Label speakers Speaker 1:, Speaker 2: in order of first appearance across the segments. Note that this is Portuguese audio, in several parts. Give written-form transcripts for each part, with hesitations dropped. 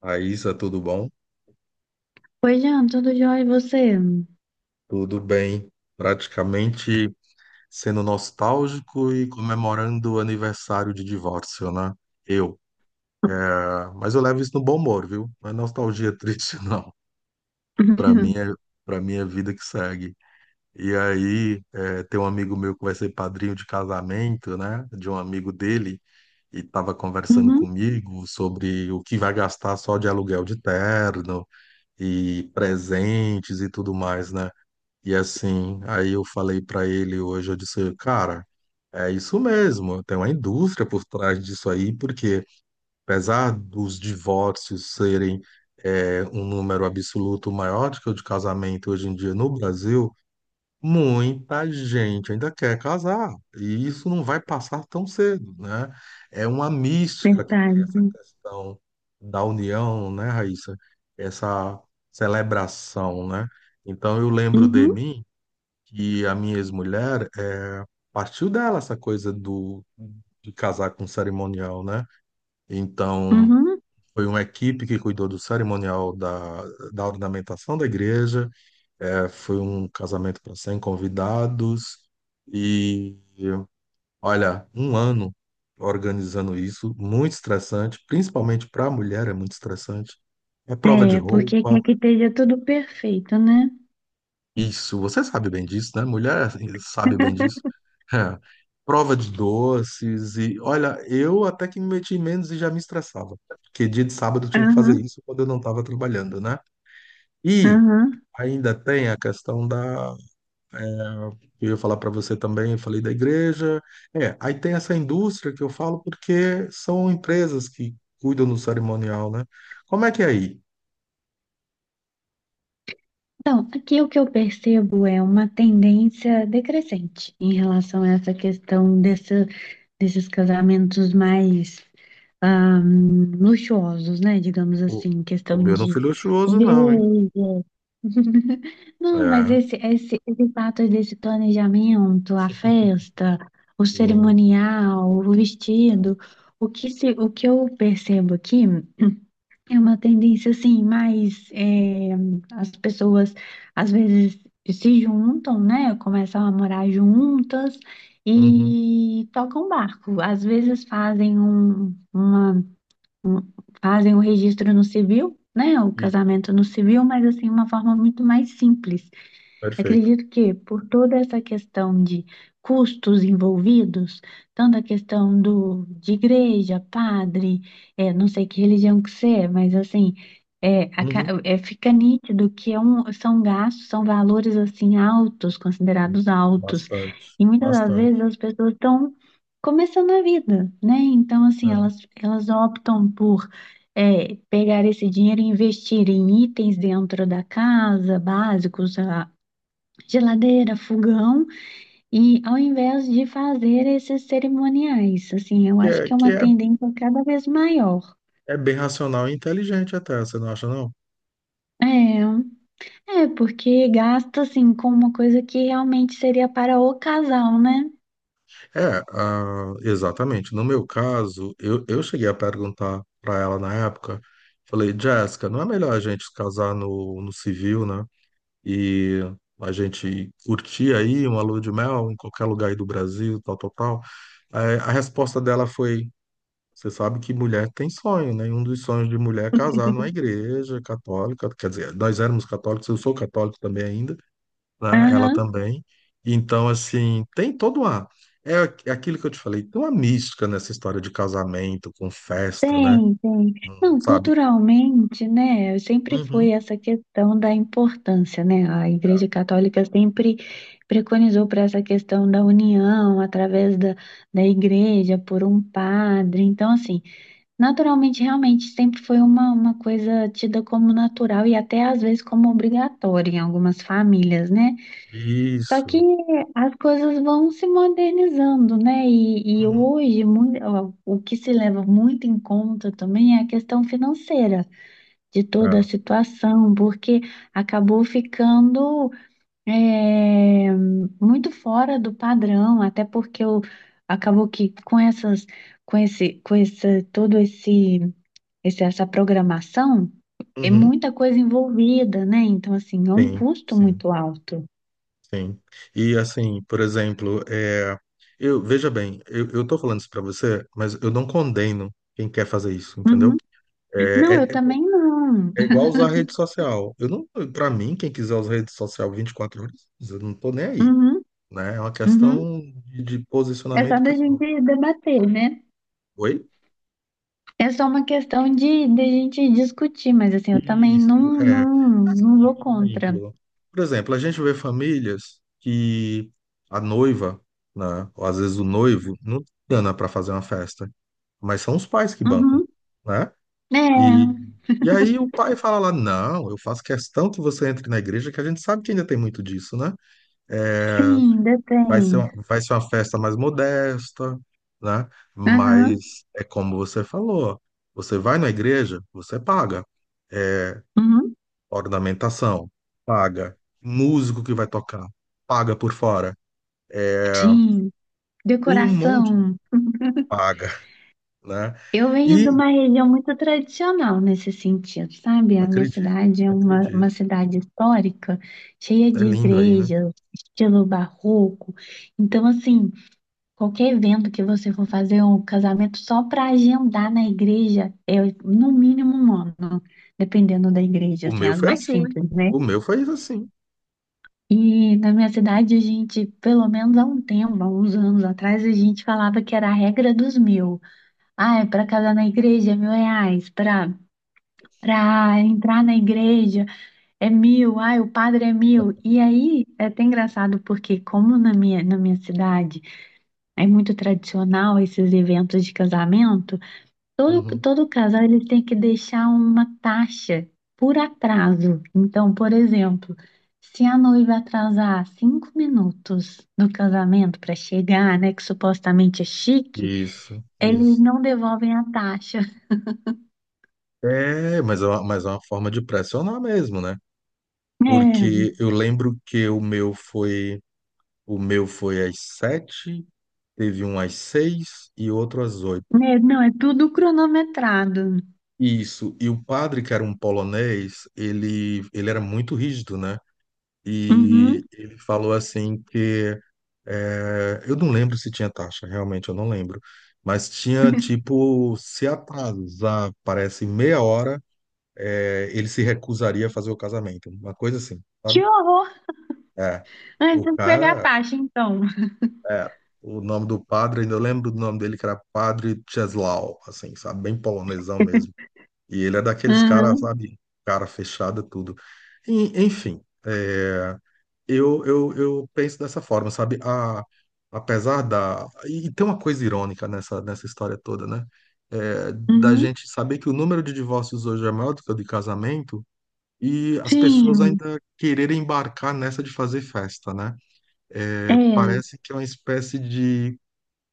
Speaker 1: Raíssa, tudo bom?
Speaker 2: Oi, Jean, tudo jóia e você?
Speaker 1: Tudo bem. Praticamente sendo nostálgico e comemorando o aniversário de divórcio, né? Eu. Ah, mas eu levo isso no bom humor, viu? Não é nostalgia triste, não. Para mim é, para mim é vida que segue. E aí, tem um amigo meu que vai ser padrinho de casamento, né? De um amigo dele, e estava conversando
Speaker 2: Uhum,
Speaker 1: comigo sobre o que vai gastar só de aluguel de terno e presentes e tudo mais, né? E assim, aí eu falei pra ele hoje, eu disse, cara, é isso mesmo, tem uma indústria por trás disso aí, porque apesar dos divórcios serem um número absoluto maior do que o de casamento hoje em dia no Brasil, muita gente ainda quer casar, e isso não vai passar tão cedo, né? É uma mística que tem essa
Speaker 2: verdade.
Speaker 1: questão da união, né, Raíssa? Essa celebração, né? Então eu lembro de
Speaker 2: Uhum,
Speaker 1: mim que a minha ex-mulher partiu dela essa coisa do de casar com cerimonial, né? Então
Speaker 2: uhum.
Speaker 1: foi uma equipe que cuidou do cerimonial da, da ornamentação da igreja, é, foi um casamento para 100 convidados e olha, um ano organizando isso, muito estressante, principalmente para a mulher é muito estressante. É prova de
Speaker 2: É, porque
Speaker 1: roupa.
Speaker 2: quer que esteja tudo perfeito, né?
Speaker 1: Isso, você sabe bem disso, né? Mulher assim, sabe bem disso. É. Prova de doces e olha, eu até que me meti menos e já me estressava, porque dia de sábado eu tinha que fazer
Speaker 2: Aham,
Speaker 1: isso quando eu não estava trabalhando, né? E
Speaker 2: aham.
Speaker 1: ainda tem a questão da, eu ia falar para você também, eu falei da igreja. É, aí tem essa indústria que eu falo porque são empresas que cuidam do cerimonial, né? Como é que é aí?
Speaker 2: Então, aqui o que eu percebo é uma tendência decrescente em relação a essa questão desses casamentos mais ah, luxuosos, né? Digamos
Speaker 1: O,
Speaker 2: assim,
Speaker 1: o
Speaker 2: questão
Speaker 1: meu não
Speaker 2: de
Speaker 1: foi luxuoso,
Speaker 2: igreja.
Speaker 1: não, hein?
Speaker 2: Não, mas
Speaker 1: É.
Speaker 2: esse fato desse planejamento, a festa, o
Speaker 1: Sim.
Speaker 2: cerimonial, o vestido, o que, se, o que eu percebo aqui é uma tendência assim, mais as pessoas às vezes se juntam, né? Começam a morar juntas
Speaker 1: Uhum.
Speaker 2: e tocam barco. Às vezes fazem o registro no civil, né? O
Speaker 1: Isso.
Speaker 2: casamento no civil, mas assim, uma forma muito mais simples.
Speaker 1: Perfeito.
Speaker 2: Acredito que por toda essa questão de custos envolvidos, tanto a questão de igreja, padre, é, não sei que religião que você é, mas assim, é,
Speaker 1: Uhum.
Speaker 2: fica nítido que é um, são gastos, são valores assim altos, considerados altos.
Speaker 1: Bastante,
Speaker 2: E muitas das
Speaker 1: bastante.
Speaker 2: vezes as pessoas estão começando a vida, né? Então, assim,
Speaker 1: É.
Speaker 2: elas optam por pegar esse dinheiro e investir em itens dentro da casa, básicos, a geladeira, fogão, e ao invés de fazer esses cerimoniais, assim, eu
Speaker 1: Que
Speaker 2: acho
Speaker 1: é,
Speaker 2: que é
Speaker 1: que
Speaker 2: uma
Speaker 1: é,
Speaker 2: tendência cada vez maior.
Speaker 1: é bem racional e inteligente até, você não acha, não?
Speaker 2: É, é porque gasta assim com uma coisa que realmente seria para o casal, né?
Speaker 1: É, ah, exatamente. No meu caso, eu, cheguei a perguntar para ela na época, falei, Jéssica, não é melhor a gente se casar no, no civil, né? E a gente curtir aí uma lua de mel em qualquer lugar aí do Brasil, tal, tal, tal. Aí a resposta dela foi, você sabe que mulher tem sonho, né? E um dos sonhos de mulher é casar numa igreja católica. Quer dizer, nós éramos católicos, eu sou católico também ainda, né? Ela
Speaker 2: Aham.
Speaker 1: também. Então, assim, tem todo uma. É é aquilo que eu te falei, tem uma mística nessa história de casamento, com festa, né?
Speaker 2: Tem, tem. Não,
Speaker 1: Sabe?
Speaker 2: culturalmente, né, sempre foi
Speaker 1: Uhum.
Speaker 2: essa questão da importância, né? A Igreja Católica sempre preconizou para essa questão da união através da, da igreja por um padre. Então, assim, naturalmente, realmente, sempre foi uma coisa tida como natural e até às vezes como obrigatória em algumas famílias, né? Só que
Speaker 1: Isso.
Speaker 2: as coisas vão se modernizando, né? E
Speaker 1: Uhum.
Speaker 2: hoje, mui- ó, o que se leva muito em conta também é a questão financeira de toda a
Speaker 1: Tá.
Speaker 2: situação, porque acabou ficando, é, muito fora do padrão, até porque o- acabou que com essas, todo esse essa programação, é
Speaker 1: Uhum.
Speaker 2: muita coisa envolvida, né? Então, assim, é um
Speaker 1: Sim,
Speaker 2: custo
Speaker 1: sim,
Speaker 2: muito alto.
Speaker 1: sim. E, assim, por exemplo, é... eu, veja bem, eu, tô falando isso pra você, mas eu não condeno quem quer fazer isso, entendeu?
Speaker 2: Uhum. Não, eu
Speaker 1: É, é-
Speaker 2: também não.
Speaker 1: é igual usar rede social. Eu não, para mim, quem quiser usar rede social 24 horas, eu não tô nem aí,
Speaker 2: Uhum,
Speaker 1: né? É uma
Speaker 2: uhum.
Speaker 1: questão de
Speaker 2: É só
Speaker 1: posicionamento
Speaker 2: da
Speaker 1: pessoal.
Speaker 2: gente debater, né?
Speaker 1: Oi?
Speaker 2: É só uma questão de gente discutir, mas assim, eu também
Speaker 1: Isso,
Speaker 2: não,
Speaker 1: é.
Speaker 2: não,
Speaker 1: Assim,
Speaker 2: não vou
Speaker 1: por
Speaker 2: contra.
Speaker 1: exemplo, a gente vê famílias que a noiva, né, ou às vezes o noivo, não tem grana para fazer uma festa, mas são os pais que bancam,
Speaker 2: Uhum.
Speaker 1: né? E,
Speaker 2: É,
Speaker 1: aí o pai fala lá, não, eu faço questão que você entre na igreja, que a gente sabe que ainda tem muito disso, né? É,
Speaker 2: sim,
Speaker 1: vai ser,
Speaker 2: detém.
Speaker 1: vai ser uma festa mais modesta, né?
Speaker 2: Aham,
Speaker 1: Mas é como você falou, você vai na igreja, você paga. É,
Speaker 2: uhum.
Speaker 1: ornamentação, paga. Músico que vai tocar, paga por fora. É,
Speaker 2: Sim,
Speaker 1: tem um monte de
Speaker 2: decoração.
Speaker 1: paga, né?
Speaker 2: Eu venho de
Speaker 1: E
Speaker 2: uma região muito tradicional nesse sentido, sabe? A minha
Speaker 1: acredito,
Speaker 2: cidade é uma
Speaker 1: acredito.
Speaker 2: cidade histórica, cheia
Speaker 1: É
Speaker 2: de
Speaker 1: lindo aí, né?
Speaker 2: igrejas, estilo barroco. Então, assim, qualquer evento que você for fazer, um casamento só para agendar na igreja, é no mínimo um ano, dependendo da igreja,
Speaker 1: O
Speaker 2: assim,
Speaker 1: meu
Speaker 2: as
Speaker 1: foi
Speaker 2: mais
Speaker 1: assim.
Speaker 2: simples, né?
Speaker 1: O meu foi assim.
Speaker 2: E na minha cidade, a gente, pelo menos há um tempo, há uns anos atrás, a gente falava que era a regra dos mil. Ah, é para casar na igreja, R$ 1.000. Para entrar na igreja é mil, ai, o padre é mil. E aí é até engraçado porque como na minha cidade é muito tradicional esses eventos de casamento, todo,
Speaker 1: Uhum.
Speaker 2: todo casal ele tem que deixar uma taxa por atraso. Então, por exemplo, se a noiva atrasar 5 minutos no casamento para chegar, né, que supostamente é chique,
Speaker 1: Isso,
Speaker 2: eles
Speaker 1: isso.
Speaker 2: não devolvem a taxa.
Speaker 1: É, mas é uma forma de pressionar mesmo, né?
Speaker 2: É,
Speaker 1: Porque eu lembro que o meu foi às sete, teve um às seis e outro às oito.
Speaker 2: né, não, é tudo cronometrado.
Speaker 1: Isso. E o padre, que era um polonês, ele era muito rígido, né?
Speaker 2: Uhum.
Speaker 1: E ele falou assim que é, eu não lembro se tinha taxa, realmente eu não lembro. Mas tinha tipo, se atrasar, parece meia hora, é, ele se recusaria a fazer o casamento, uma coisa assim, sabe?
Speaker 2: Que horror!
Speaker 1: É. O
Speaker 2: Antes de pegar a
Speaker 1: cara
Speaker 2: taxa, então.
Speaker 1: É, o nome do padre, ainda eu lembro do nome dele, que era Padre Czesław, assim, sabe? Bem polonesão mesmo. E ele é daqueles caras,
Speaker 2: Uhum.
Speaker 1: sabe? Cara fechada, tudo. E, enfim, é, eu, penso dessa forma, sabe? A, apesar da... E, e tem uma coisa irônica nessa, nessa história toda, né? É, da
Speaker 2: Uhum.
Speaker 1: gente saber que o número de divórcios hoje é maior do que o de casamento e as pessoas
Speaker 2: Sim,
Speaker 1: ainda quererem embarcar nessa de fazer festa, né? É,
Speaker 2: é,
Speaker 1: parece que é uma espécie de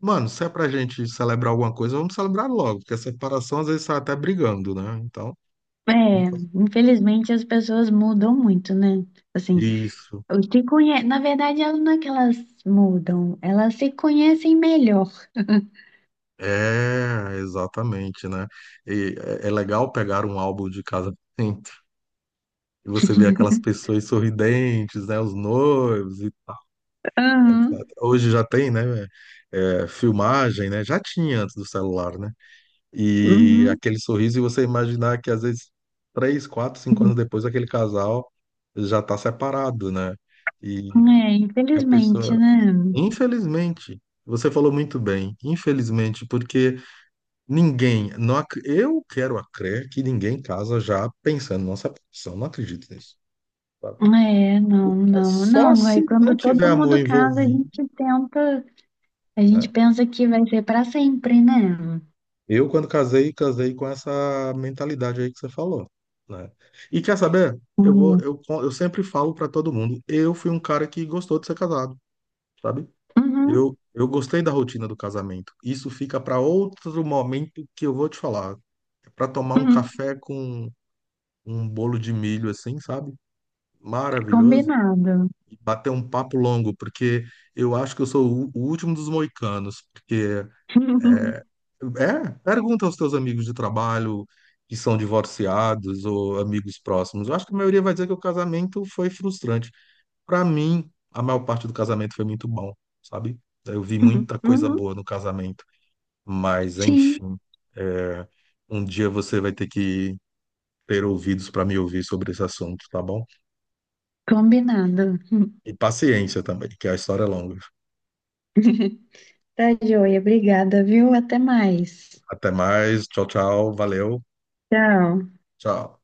Speaker 1: Mano, se é pra gente celebrar alguma coisa, vamos celebrar logo, porque a separação às vezes sai até brigando, né? Então,
Speaker 2: é.
Speaker 1: nunca-
Speaker 2: Infelizmente as pessoas mudam muito, né? Assim,
Speaker 1: isso.
Speaker 2: o que conhe... na verdade, elas não é que elas mudam, elas se conhecem melhor.
Speaker 1: É, exatamente, né? E é legal pegar um álbum de casamento e você vê aquelas pessoas sorridentes, né? Os noivos e tal, etc.
Speaker 2: Uhum.
Speaker 1: Hoje já tem, né? É, filmagem, né? Já tinha antes do celular, né? E
Speaker 2: Uhum.
Speaker 1: aquele sorriso, e você imaginar que às vezes três, quatro, cinco anos depois aquele casal já está separado, né? E
Speaker 2: É,
Speaker 1: a
Speaker 2: infelizmente,
Speaker 1: pessoa,
Speaker 2: né?
Speaker 1: infelizmente, você falou muito bem, infelizmente, porque ninguém, não, eu quero a crer que ninguém casa já pensando na separação, não acredito nisso. Sabe?
Speaker 2: É, não, não,
Speaker 1: Só
Speaker 2: não. Aí
Speaker 1: se não
Speaker 2: quando
Speaker 1: tiver
Speaker 2: todo
Speaker 1: amor
Speaker 2: mundo casa, a
Speaker 1: envolvido.
Speaker 2: gente tenta, a gente
Speaker 1: Né?
Speaker 2: pensa que vai ser para sempre, né?
Speaker 1: Eu, quando casei, casei com essa mentalidade aí que você falou, né? E quer saber? Eu vou,
Speaker 2: Uhum.
Speaker 1: eu, sempre falo pra todo mundo, eu fui um cara que gostou de ser casado, sabe? Eu, gostei da rotina do casamento. Isso fica pra outro momento que eu vou te falar, é. Pra tomar um
Speaker 2: Uhum.
Speaker 1: café com um bolo de milho assim, sabe? Maravilhoso.
Speaker 2: Combinado.
Speaker 1: E bater um papo longo, porque eu acho que eu sou o último dos moicanos, porque é, pergunta aos teus amigos de trabalho que são divorciados ou amigos próximos. Eu acho que a maioria vai dizer que o casamento foi frustrante. Para mim, a maior parte do casamento foi muito bom, sabe? Eu vi muita coisa
Speaker 2: Uhum.
Speaker 1: boa no casamento. Mas,
Speaker 2: Sim,
Speaker 1: enfim, é, um dia você vai ter que ter ouvidos para me ouvir sobre esse assunto, tá bom?
Speaker 2: combinado.
Speaker 1: E paciência também, que a história é longa.
Speaker 2: Tá joia, obrigada, viu? Até mais.
Speaker 1: Até mais, tchau, tchau, valeu,
Speaker 2: Tchau.
Speaker 1: tchau.